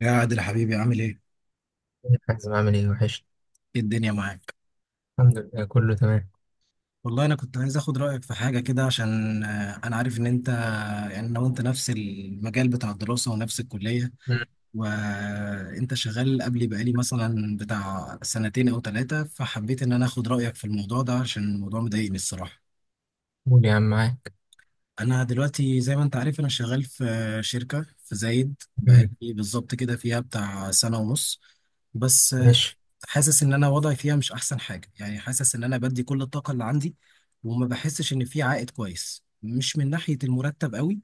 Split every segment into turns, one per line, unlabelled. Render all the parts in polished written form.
يا عادل حبيبي عامل ايه؟
يا حازم، عامل ايه وحش.
ايه الدنيا معاك؟
الحمد لله كله تمام.
والله انا كنت عايز اخد رايك في حاجه كده عشان انا عارف ان انت يعني انا وانت نفس المجال بتاع الدراسه ونفس الكليه،
مم.
وانت شغال قبلي بقالي مثلا بتاع سنتين او ثلاثه، فحبيت ان انا اخد رايك في الموضوع ده عشان الموضوع مضايقني الصراحه.
قول يا عم، معاك.
انا دلوقتي زي ما انت عارف انا شغال في شركه في زايد، بقالي
مم.
بالظبط كده فيها بتاع سنه ونص. بس
ماشي.
حاسس ان انا وضعي فيها مش احسن حاجه، يعني حاسس ان انا بدي كل الطاقه اللي عندي وما بحسش ان في عائد كويس، مش من ناحيه المرتب قوي،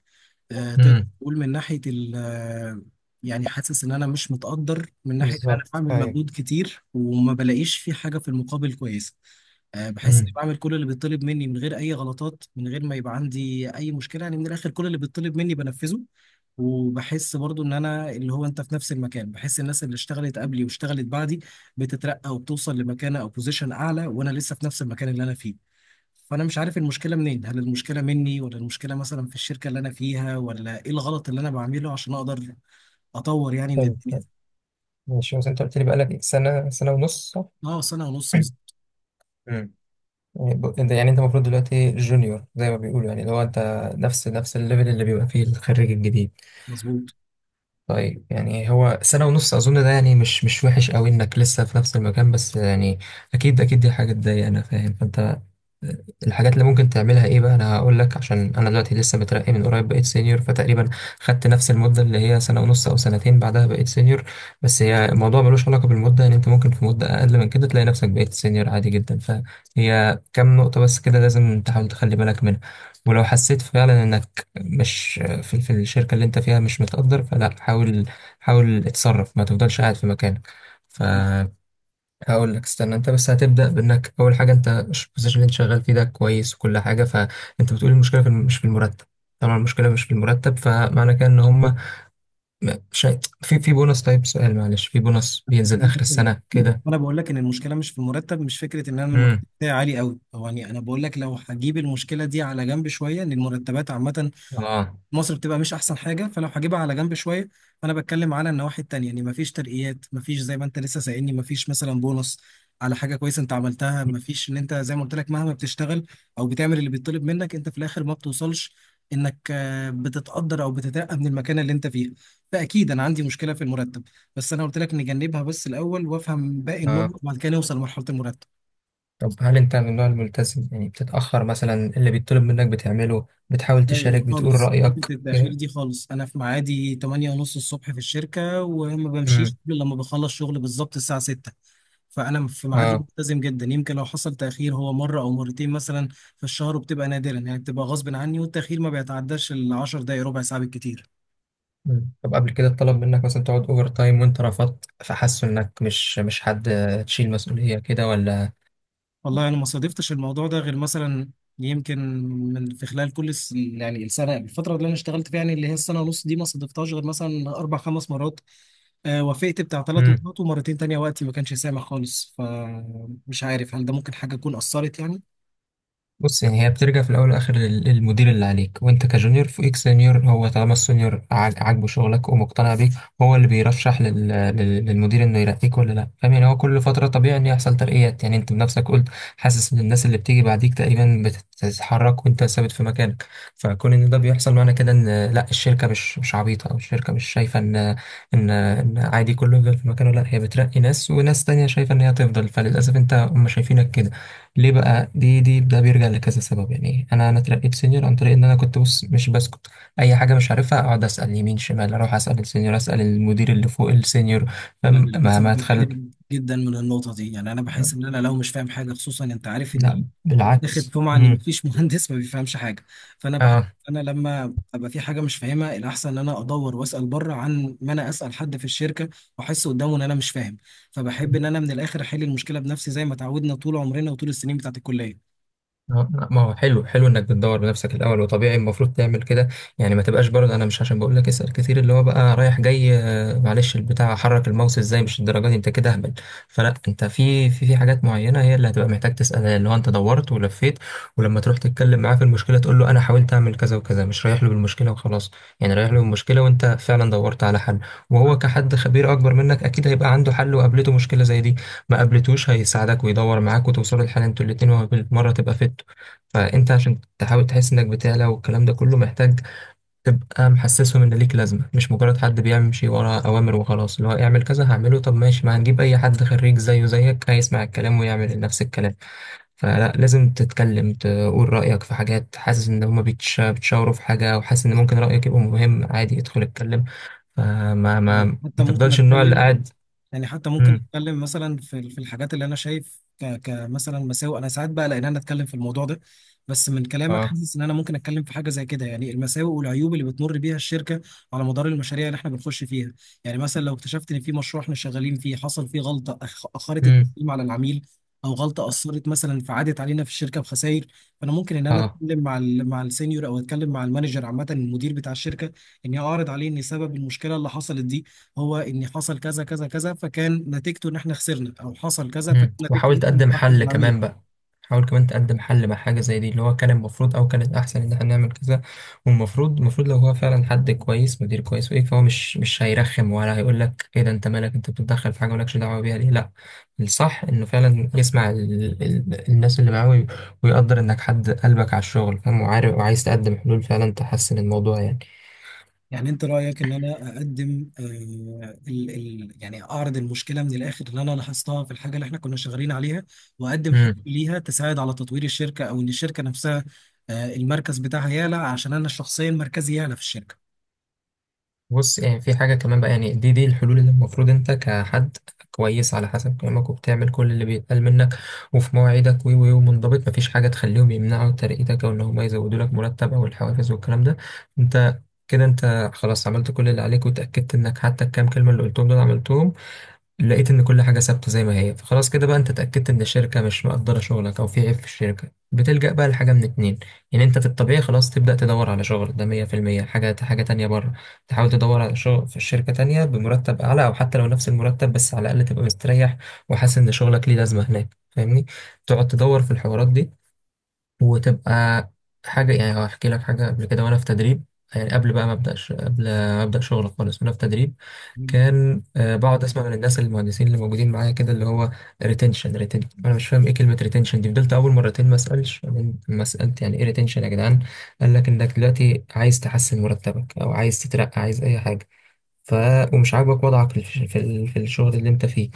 تقدر
مم.
تقول من ناحيه ال آه، يعني حاسس ان انا مش متقدر من ناحيه ان انا
بالظبط
بعمل
ايوه.
مجهود كتير وما بلاقيش في حاجه في المقابل كويسه. بحس اني
مم.
بعمل كل اللي بيطلب مني من غير اي غلطات، من غير ما يبقى عندي اي مشكله، يعني من الاخر كل اللي بيطلب مني بنفذه. وبحس برضو ان انا اللي هو انت في نفس المكان، بحس الناس اللي اشتغلت قبلي واشتغلت بعدي بتترقى وبتوصل لمكانه او بوزيشن اعلى وانا لسه في نفس المكان اللي انا فيه، فانا مش عارف المشكله منين، هل المشكله مني ولا المشكله مثلا في الشركه اللي انا فيها ولا ايه الغلط اللي انا بعمله عشان اقدر اطور يعني من
حلو
الدنيا.
حلو. ماشي، بس انت قلت لي بقالك إيه؟ سنه ونص صح؟
اه سنه ونص بالظبط.
مم. يعني انت المفروض دلوقتي جونيور زي ما بيقولوا، يعني اللي هو انت نفس الليفل اللي بيبقى فيه الخريج الجديد.
مظبوط.
طيب، يعني هو سنة ونص أظن، ده يعني مش وحش أوي إنك لسه في نفس المكان، بس يعني أكيد أكيد دي حاجة تضايق، أنا فاهم. فأنت، الحاجات اللي ممكن تعملها إيه بقى. أنا هقول لك، عشان أنا دلوقتي لسه مترقي من قريب، بقيت سينيور فتقريبا خدت نفس المدة اللي هي سنة ونص أو سنتين، بعدها بقيت سينيور. بس هي الموضوع ملوش علاقة بالمدة، يعني أنت ممكن في مدة أقل من كده تلاقي نفسك بقيت سينيور عادي جدا. فهي كام نقطة بس كده لازم تحاول تخلي بالك منها. ولو حسيت فعلا انك مش في الشركة اللي انت فيها، مش متقدر، فلا، حاول. حاول اتصرف، ما تفضلش قاعد في مكانك. فهقول لك، استنى انت بس. هتبدأ بانك اول حاجة انت البوزيشن اللي انت شغال فيه ده كويس، وكل حاجة، فانت بتقول المشكلة مش في المرتب. طبعا المشكلة مش في المرتب، فمعنى كده ان هم شيء في بونص. طيب سؤال معلش، في بونص بينزل اخر السنة كده؟
انا بقول لك ان المشكله مش في المرتب، مش فكره ان انا المرتب
امم.
بتاعي عالي قوي، هو يعني انا بقول لك لو هجيب المشكله دي على جنب شويه ان المرتبات عامه
اه.
مصر بتبقى مش احسن حاجه فلو هجيبها على جنب شويه، فانا بتكلم على النواحي التانيه، يعني مفيش ترقيات، مفيش زي ما انت لسه سائلني مفيش مثلا بونص على حاجه كويسه انت عملتها، مفيش ان انت زي ما قلت لك مهما بتشتغل او بتعمل اللي بيطلب منك انت في الاخر ما بتوصلش انك بتتقدر او بتترقى من المكان اللي انت فيه، فاكيد انا عندي مشكله في المرتب بس انا قلت لك نجنبها بس الاول وافهم باقي النقط
اه،
وبعد كده نوصل لمرحله المرتب.
طب هل انت من النوع الملتزم؟ يعني بتتأخر مثلا؟ اللي بيطلب منك بتعمله؟ بتحاول تشارك؟
ايوه
بتقول
خالص، حته
رأيك
التاخير
كده؟
دي خالص، انا في ميعادي 8 ونص الصبح في الشركه وما بمشيش
امم.
الا لما بخلص شغل بالظبط الساعه 6، فانا في ميعادي
اه.
ملتزم جدا، يمكن لو حصل تاخير هو مره او مرتين مثلا في الشهر، وبتبقى نادرا يعني بتبقى غصب عني، والتاخير ما بيتعداش ال 10 دقائق، ربع ساعه بالكتير.
مم. طب قبل كده اتطلب منك مثلا تقعد اوفر تايم وانت رفضت فحسوا انك مش، مش حد تشيل مسؤولية كده ولا؟
والله انا ما صادفتش الموضوع ده غير مثلا يمكن من في خلال كل يعني السنه الفتره اللي انا اشتغلت فيها يعني اللي هي السنه ونص دي ما صادفتهاش غير مثلا اربع خمس مرات، وافقت بتاع ثلاث
امم.
مرات ومرتين تانية وقتي ما كانش سامح خالص، فمش عارف هل ده ممكن حاجه تكون اثرت يعني.
بص، يعني هي بترجع في الاول والاخر للمدير اللي عليك، وانت كجونيور فوقيك سينيور، هو طالما السينيور عاجبه شغلك ومقتنع بيك، هو اللي بيرشح للمدير انه يرقيك ولا لا. فاهم يعني؟ هو كل فتره طبيعي ان يحصل ترقيات، يعني انت بنفسك قلت حاسس ان الناس اللي بتيجي بعديك تقريبا بتتحرك وانت ثابت في مكانك. فكون ان ده بيحصل، معنى كده ان لا، الشركه مش عبيطه، او الشركه مش شايفه ان ان ان عادي كله يفضل في مكانه. لا، هي بترقي ناس، وناس تانية شايفه ان هي تفضل، فللاسف انت هم شايفينك كده. ليه بقى؟ دي دي ده بيرجع لكذا سبب. يعني انا اترقيت سينيور عن طريق ان انا كنت بص مش بسكت. اي حاجه مش عارفها اقعد اسال يمين شمال، اروح اسال السينيور، اسال المدير اللي فوق السينيور.
انا
فاهم؟ ما
للاسف
ما اتخل.
بتحرج جدا من النقطه دي، يعني انا بحس ان انا لو مش فاهم حاجه خصوصا انت عارف ان
لا
واخد
بالعكس.
سمعة ان
امم.
مفيش مهندس ما بيفهمش حاجه، فانا بحس
اه.
انا لما ابقى في حاجه مش فاهمها الاحسن ان انا ادور واسال بره عن ما انا اسال حد في الشركه واحس قدامه ان انا مش فاهم، فبحب ان انا من الاخر احل المشكله بنفسي زي ما اتعودنا طول عمرنا وطول السنين بتاعت الكليه.
اه، لا، ما هو حلو حلو انك بتدور بنفسك الاول، وطبيعي المفروض تعمل كده. يعني ما تبقاش برضه، انا مش عشان بقول لك اسال كتير اللي هو بقى رايح جاي، معلش البتاع حرك الماوس ازاي، مش الدرجه دي، انت كده اهبل. فلا، انت في في حاجات معينه هي اللي هتبقى محتاج تسالها، اللي هو انت دورت ولفيت، ولما تروح تتكلم معاه في المشكله تقول له انا حاولت اعمل كذا وكذا، مش رايح له بالمشكله وخلاص. يعني رايح له بالمشكله وانت فعلا دورت على حل، وهو كحد خبير اكبر منك اكيد هيبقى عنده حل، وقابلته مشكله زي دي، ما قابلتوش هيساعدك ويدور معاك وتوصلوا لحل انتوا الاتنين، وبالمرة تبقى فت. فانت عشان تحاول تحس انك بتعلى والكلام ده كله، محتاج تبقى محسسهم ان ليك لازمة، مش مجرد حد بيمشي ورا اوامر وخلاص، اللي هو اعمل كذا هعمله. طب ماشي، ما هنجيب اي حد خريج زيه زيك هيسمع الكلام ويعمل نفس الكلام. فلا، لازم تتكلم، تقول رأيك في حاجات حاسس ان هما بيتشاوروا في حاجة وحاسس ان ممكن رأيك يبقى مهم، عادي ادخل اتكلم. فما ما
يعني حتى
ما
ممكن
تفضلش النوع اللي
اتكلم،
قاعد.
يعني حتى ممكن
امم.
نتكلم مثلا في في الحاجات اللي انا شايف كمثلا مساوئ، انا ساعات بقى لان انا اتكلم في الموضوع ده، بس من كلامك
اه.
حاسس ان انا ممكن اتكلم في حاجه زي كده، يعني المساوئ والعيوب اللي بتمر بيها الشركه على مدار المشاريع اللي احنا بنخش فيها. يعني مثلا لو اكتشفت ان في مشروع احنا شغالين فيه حصل فيه غلطه اخرت
امم.
التقييم على العميل، او غلطه اثرت مثلا فعادت علينا في الشركه بخسائر، فانا ممكن ان انا
اه.
اتكلم مع مع السينيور او اتكلم مع المانجر عامه المدير بتاع الشركه، اني اعرض عليه ان سبب المشكله اللي حصلت دي هو ان حصل كذا كذا كذا فكان نتيجته ان احنا خسرنا او حصل كذا فكان
مم.
نتيجته
وحاول
ان احنا
تقدم
نتاخر
حل
العميل.
كمان بقى. حاول كمان تقدم حل مع حاجة زي دي، اللي هو كان المفروض أو كانت أحسن إن احنا نعمل كذا. والمفروض، المفروض لو هو فعلا حد كويس، مدير كويس وإيه، فهو مش هيرخم ولا هيقول لك إيه ده، أنت مالك، أنت بتتدخل في حاجة مالكش دعوة بيها ليه. لأ، الصح إنه فعلا يسمع الناس اللي معاه، ويقدر إنك حد قلبك على الشغل، فاهم وعارف وعايز تقدم حلول فعلا تحسن الموضوع
يعني انت رايك ان انا اقدم ال ال يعني اعرض المشكله من الاخر اللي انا لاحظتها في الحاجه اللي احنا كنا شغالين عليها واقدم حلول
يعني.
ليها تساعد على تطوير الشركه او ان الشركه نفسها المركز بتاعها يعلى عشان انا شخصيا مركزي يعلى في الشركه.
بص يعني، في حاجة كمان بقى. يعني دي الحلول اللي المفروض انت كحد كويس على حسب كلامك، وبتعمل كل اللي بيتقال منك، وفي مواعيدك و و ومنضبط، مفيش حاجة تخليهم يمنعوا ترقيتك او ان هم يزودوا لك مرتب او الحوافز والكلام ده. انت كده انت خلاص عملت كل اللي عليك، وتأكدت انك حتى الكام كلمة اللي قلتهم دول عملتهم، لقيت ان كل حاجه ثابته زي ما هي، فخلاص كده بقى انت اتاكدت ان الشركه مش مقدره شغلك، او في عيب في الشركه. بتلجأ بقى لحاجه من اتنين. يعني انت في الطبيعي خلاص تبدأ تدور على شغل ده 100%. حاجه، حاجه تانية، بره تحاول تدور على شغل في الشركه تانية بمرتب اعلى، او حتى لو نفس المرتب بس على الاقل تبقى مستريح وحاسس ان شغلك ليه لازمه هناك، فاهمني؟ تقعد تدور في الحوارات دي وتبقى حاجة. يعني هحكي لك حاجة قبل كده وأنا في تدريب. يعني قبل بقى ما أبدأش، قبل ما أبدأ شغل خالص وأنا في تدريب،
مم.
كان بقعد أسمع من الناس المهندسين اللي موجودين معايا كده اللي هو ريتنشن ريتنشن. أنا مش فاهم إيه كلمة ريتنشن دي، فضلت أول مرتين ما أسألش. بعدين لما سألت يعني إيه ريتنشن يا جدعان، قال لك إنك دلوقتي عايز تحسن مرتبك أو عايز تترقى، عايز أي حاجة، ف، ومش عاجبك وضعك في في الشغل اللي أنت فيه،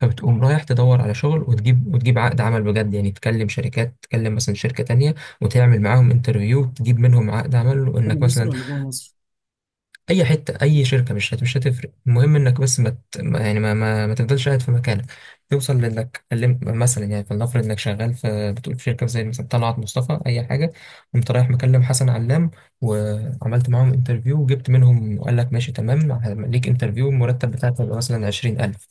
فبتقوم رايح تدور على شغل وتجيب، وتجيب عقد عمل بجد يعني، تكلم شركات، تكلم مثلا شركة تانية وتعمل معاهم انترفيو، تجيب منهم عقد عمل،
بره
وانك
مصر
مثلا
ولا جوه مصر؟
اي حتة، اي شركة، مش هتفرق، المهم انك بس ما ت- ما- يعني ما ما, ما تفضلش قاعد في مكانك. توصل لانك كلمت مثلا، يعني فلنفرض انك شغال في، بتقول في شركة زي مثلا طلعت مصطفى، اي حاجة، قمت رايح مكلم حسن علام، وعملت معاهم انترفيو وجبت منهم، وقال لك ماشي تمام، ليك انترفيو، المرتب بتاعك هيبقى مثلا 20,000.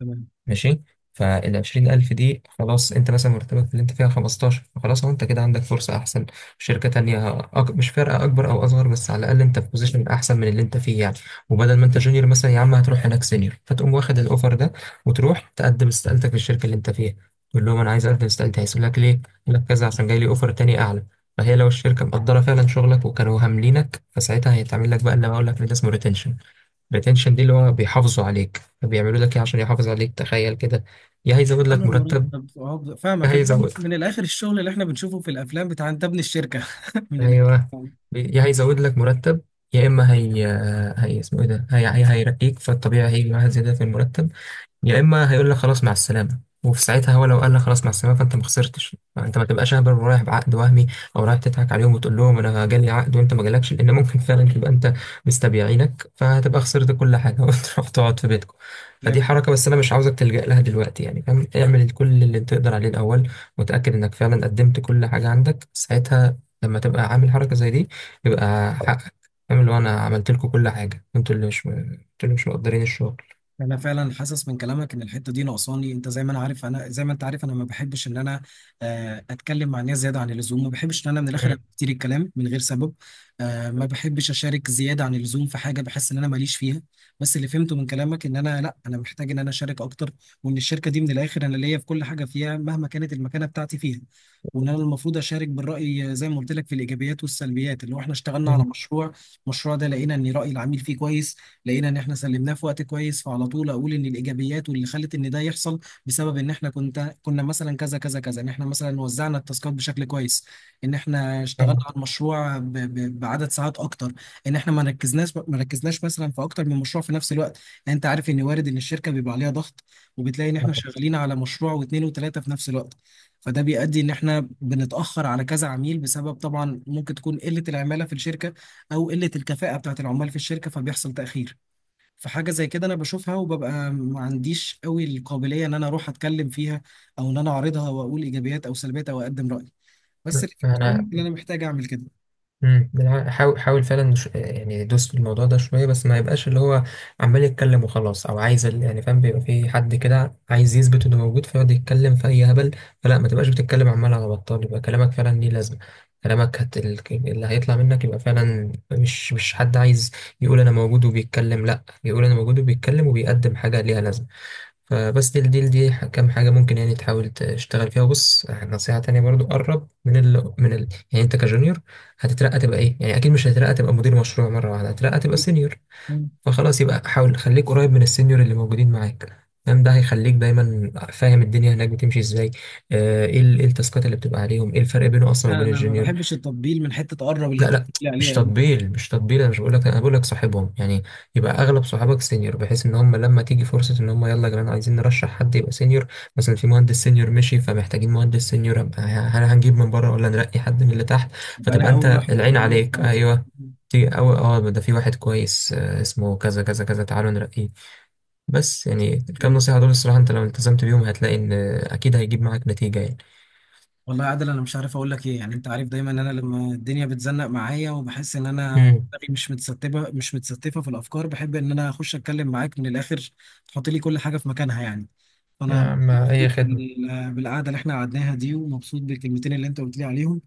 تمام.
ماشي. فال 20,000 دي، خلاص انت مثلا مرتبك في اللي انت فيها 15، فخلاص هو انت كده عندك فرصة احسن في شركة تانية. مش فارقة اكبر او اصغر، بس على الاقل انت في بوزيشن احسن من اللي انت فيه يعني. وبدل ما انت جونيور مثلا يا عم، هتروح هناك سينيور، فتقوم واخد الاوفر ده وتروح تقدم استقالتك للشركة اللي انت فيها. تقول لهم انا عايز اقدم استقالتي. هيسألوا لك ليه؟ يقول لك كذا عشان جاي لي اوفر تاني اعلى. فهي لو الشركة مقدرة فعلا شغلك وكانوا هاملينك، فساعتها هيتعمل لك بقى اللي بقول لك، اللي ده اسمه ريتنشن. الريتنشن دي اللي هو بيحافظوا عليك، بيعملوا لك ايه عشان يحافظ عليك؟ تخيل كده. يا هيزود
انا
لك مرتب.
المرتب
يا
فاهمك، المهم
هيزود.
من الاخر الشغل اللي احنا بنشوفه في الافلام بتاع انت ابن الشركه. من
ايوه. يا هيزود لك مرتب، يا اما هي اسمه ايه ده، هي هيرقيك، فالطبيعي هيجي معاها زياده في المرتب. يا اما هيقول لك خلاص مع السلامه، وفي ساعتها هو لو قال لك خلاص مع السلامه، فانت ما خسرتش، فانت ما تبقاش اهبل ورايح بعقد وهمي او رايح تضحك عليهم وتقول لهم انا جالي عقد وانت ما جالكش، لان ممكن فعلا تبقى انت مستبيعينك فهتبقى خسرت كل حاجه وتروح تقعد في بيتكم. فدي
الاخر.
حركه بس انا مش عاوزك تلجأ لها دلوقتي يعني، فاهم؟ اعمل كل اللي تقدر عليه الاول، وتاكد انك فعلا قدمت كل حاجه عندك، ساعتها لما تبقى عامل حركه زي دي يبقى حقك، فاهم؟ اللي هو انا عملت لكم كل حاجه، انتوا اللي مش مقدرين الشغل.
انا فعلا حاسس من كلامك ان الحته دي ناقصاني، انت زي ما انا عارف انا زي ما انت عارف انا ما بحبش ان انا اتكلم مع الناس زياده عن اللزوم، ما بحبش ان انا من الاخر
مم.
أبقى كتير الكلام من غير سبب، ما بحبش اشارك زياده عن اللزوم في حاجه بحس ان انا ماليش فيها، بس اللي فهمته من كلامك ان انا لا انا محتاج ان انا اشارك اكتر، وان الشركه دي من الاخر انا ليا في كل حاجه فيها مهما كانت المكانه بتاعتي فيها، وان انا المفروض اشارك بالراي زي ما قلت لك في الايجابيات والسلبيات، اللي هو احنا اشتغلنا على مشروع، المشروع ده لقينا ان راي العميل فيه كويس، لقينا ان احنا سلمناه في وقت كويس، فعلى طول اقول ان الايجابيات واللي خلت ان ده يحصل بسبب ان احنا كنا مثلا كذا كذا كذا، ان احنا مثلا وزعنا التاسكات بشكل كويس، ان احنا اشتغلنا
مم.
على المشروع بعدد ساعات اكتر، ان احنا ما ركزناش مثلا في اكتر من مشروع في نفس الوقت. يعني انت عارف ان وارد ان الشركه بيبقى عليها ضغط وبتلاقي ان احنا شغالين على مشروع واثنين وثلاثه في نفس الوقت، فده بيؤدي ان احنا بنتاخر على كذا عميل، بسبب طبعا ممكن تكون قله العماله في الشركه او قله الكفاءه بتاعت العمال في الشركه فبيحصل تاخير. فحاجة زي كده أنا بشوفها وببقى ما عنديش قوي القابلية إن أنا أروح أتكلم فيها أو إن أنا أعرضها وأقول إيجابيات أو سلبيات أو أقدم رأيي، بس اللي بتقول
انا
إن أنا محتاج أعمل كده.
حاول حاول فعلا، يعني دوس في الموضوع ده شويه، بس ما يبقاش اللي هو عمال يتكلم وخلاص، او عايز يعني فاهم، بيبقى في حد كده عايز يثبت انه موجود فيقعد يتكلم في اي هبل. فلا، ما تبقاش بتتكلم عمال على بطال، يبقى كلامك فعلا ليه لازمه. كلامك اللي هيطلع منك يبقى فعلا مش حد عايز يقول انا موجود وبيتكلم، لا، يقول انا موجود وبيتكلم وبيقدم حاجه ليها لازمه. فبس دي كام حاجة ممكن يعني تحاول تشتغل فيها. وبص نصيحة تانية برضو، قرب من ال من ال يعني انت كجونيور هتترقى تبقى ايه؟ يعني اكيد مش هتترقى تبقى مدير مشروع مرة واحدة، هتترقى تبقى سينيور.
مم.
فخلاص، يبقى حاول خليك قريب من السينيور اللي موجودين معاك، فاهم؟ ده هيخليك دايما فاهم الدنيا هناك بتمشي ازاي، ايه إيه التاسكات اللي بتبقى عليهم، ايه الفرق بينه اصلا
لا،
وبين
أنا ما
الجونيور.
بحبش التطبيل من حتة تقرب اللي
لا
أنت
لا،
بتقول
مش
عليها دي.
تطبيل، مش تطبيل، انا مش بقول لك، انا بقول لك صاحبهم يعني. يبقى اغلب صحابك سينيور، بحيث ان هم لما تيجي فرصه ان هم يلا يا جماعه عايزين نرشح حد يبقى سينيور، مثلا في مهندس سينيور مشي فمحتاجين مهندس سينيور، أبقى هل هنجيب من بره ولا نرقي حد من اللي تحت،
أبقى
فتبقى
أنا
انت
أول واحد في
العين
الدنيا في
عليك.
حياتي.
ايوه تيجي أو اه ده في واحد كويس اسمه كذا كذا كذا، تعالوا نرقيه. بس يعني الكام نصيحه دول الصراحه انت لو التزمت بيهم هتلاقي ان اكيد هيجيب معاك نتيجه يعني.
والله يا عادل انا مش عارف اقول لك ايه، يعني انت عارف دايما ان انا لما الدنيا بتزنق معايا وبحس ان انا
امم.
دماغي مش متستفه في الافكار بحب ان انا اخش اتكلم معاك من الاخر، تحط لي كل حاجه في مكانها يعني،
يا
فانا
عم أي
مبسوط
خدمة.
بالقعده اللي احنا قعدناها دي ومبسوط بالكلمتين اللي انت قلت لي عليهم،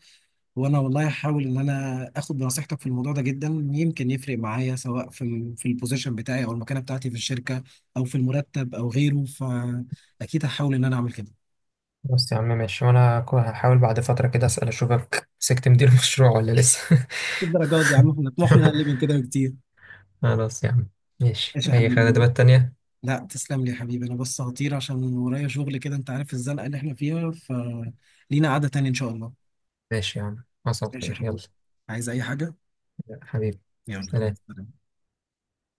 وانا والله هحاول ان انا اخد بنصيحتك في الموضوع ده جدا، يمكن يفرق معايا سواء في البوزيشن بتاعي او المكانه بتاعتي في الشركه او في المرتب او غيره، فاكيد هحاول ان انا اعمل كده.
بص يا عم، ماشي، وانا هحاول بعد فترة كده اسأل اشوفك مسكت مدير مشروع ولا لسه.
الدرجات دي يا عم احنا طموحنا اقل من كده بكتير.
خلاص يا عم. ماشي،
ماشي يا
اي
حبيبي.
خدمات تانية.
لا تسلم لي يا حبيبي، انا بس هطير عشان ورايا شغل كده، انت عارف الزنقه اللي احنا فيها، فلينا قعده تانية ان شاء الله.
ماشي يا عم، حصل
ماشي يا
خير، يلا.
حبيبي. عايز اي حاجه.
حبيبي. سلام.
يلا.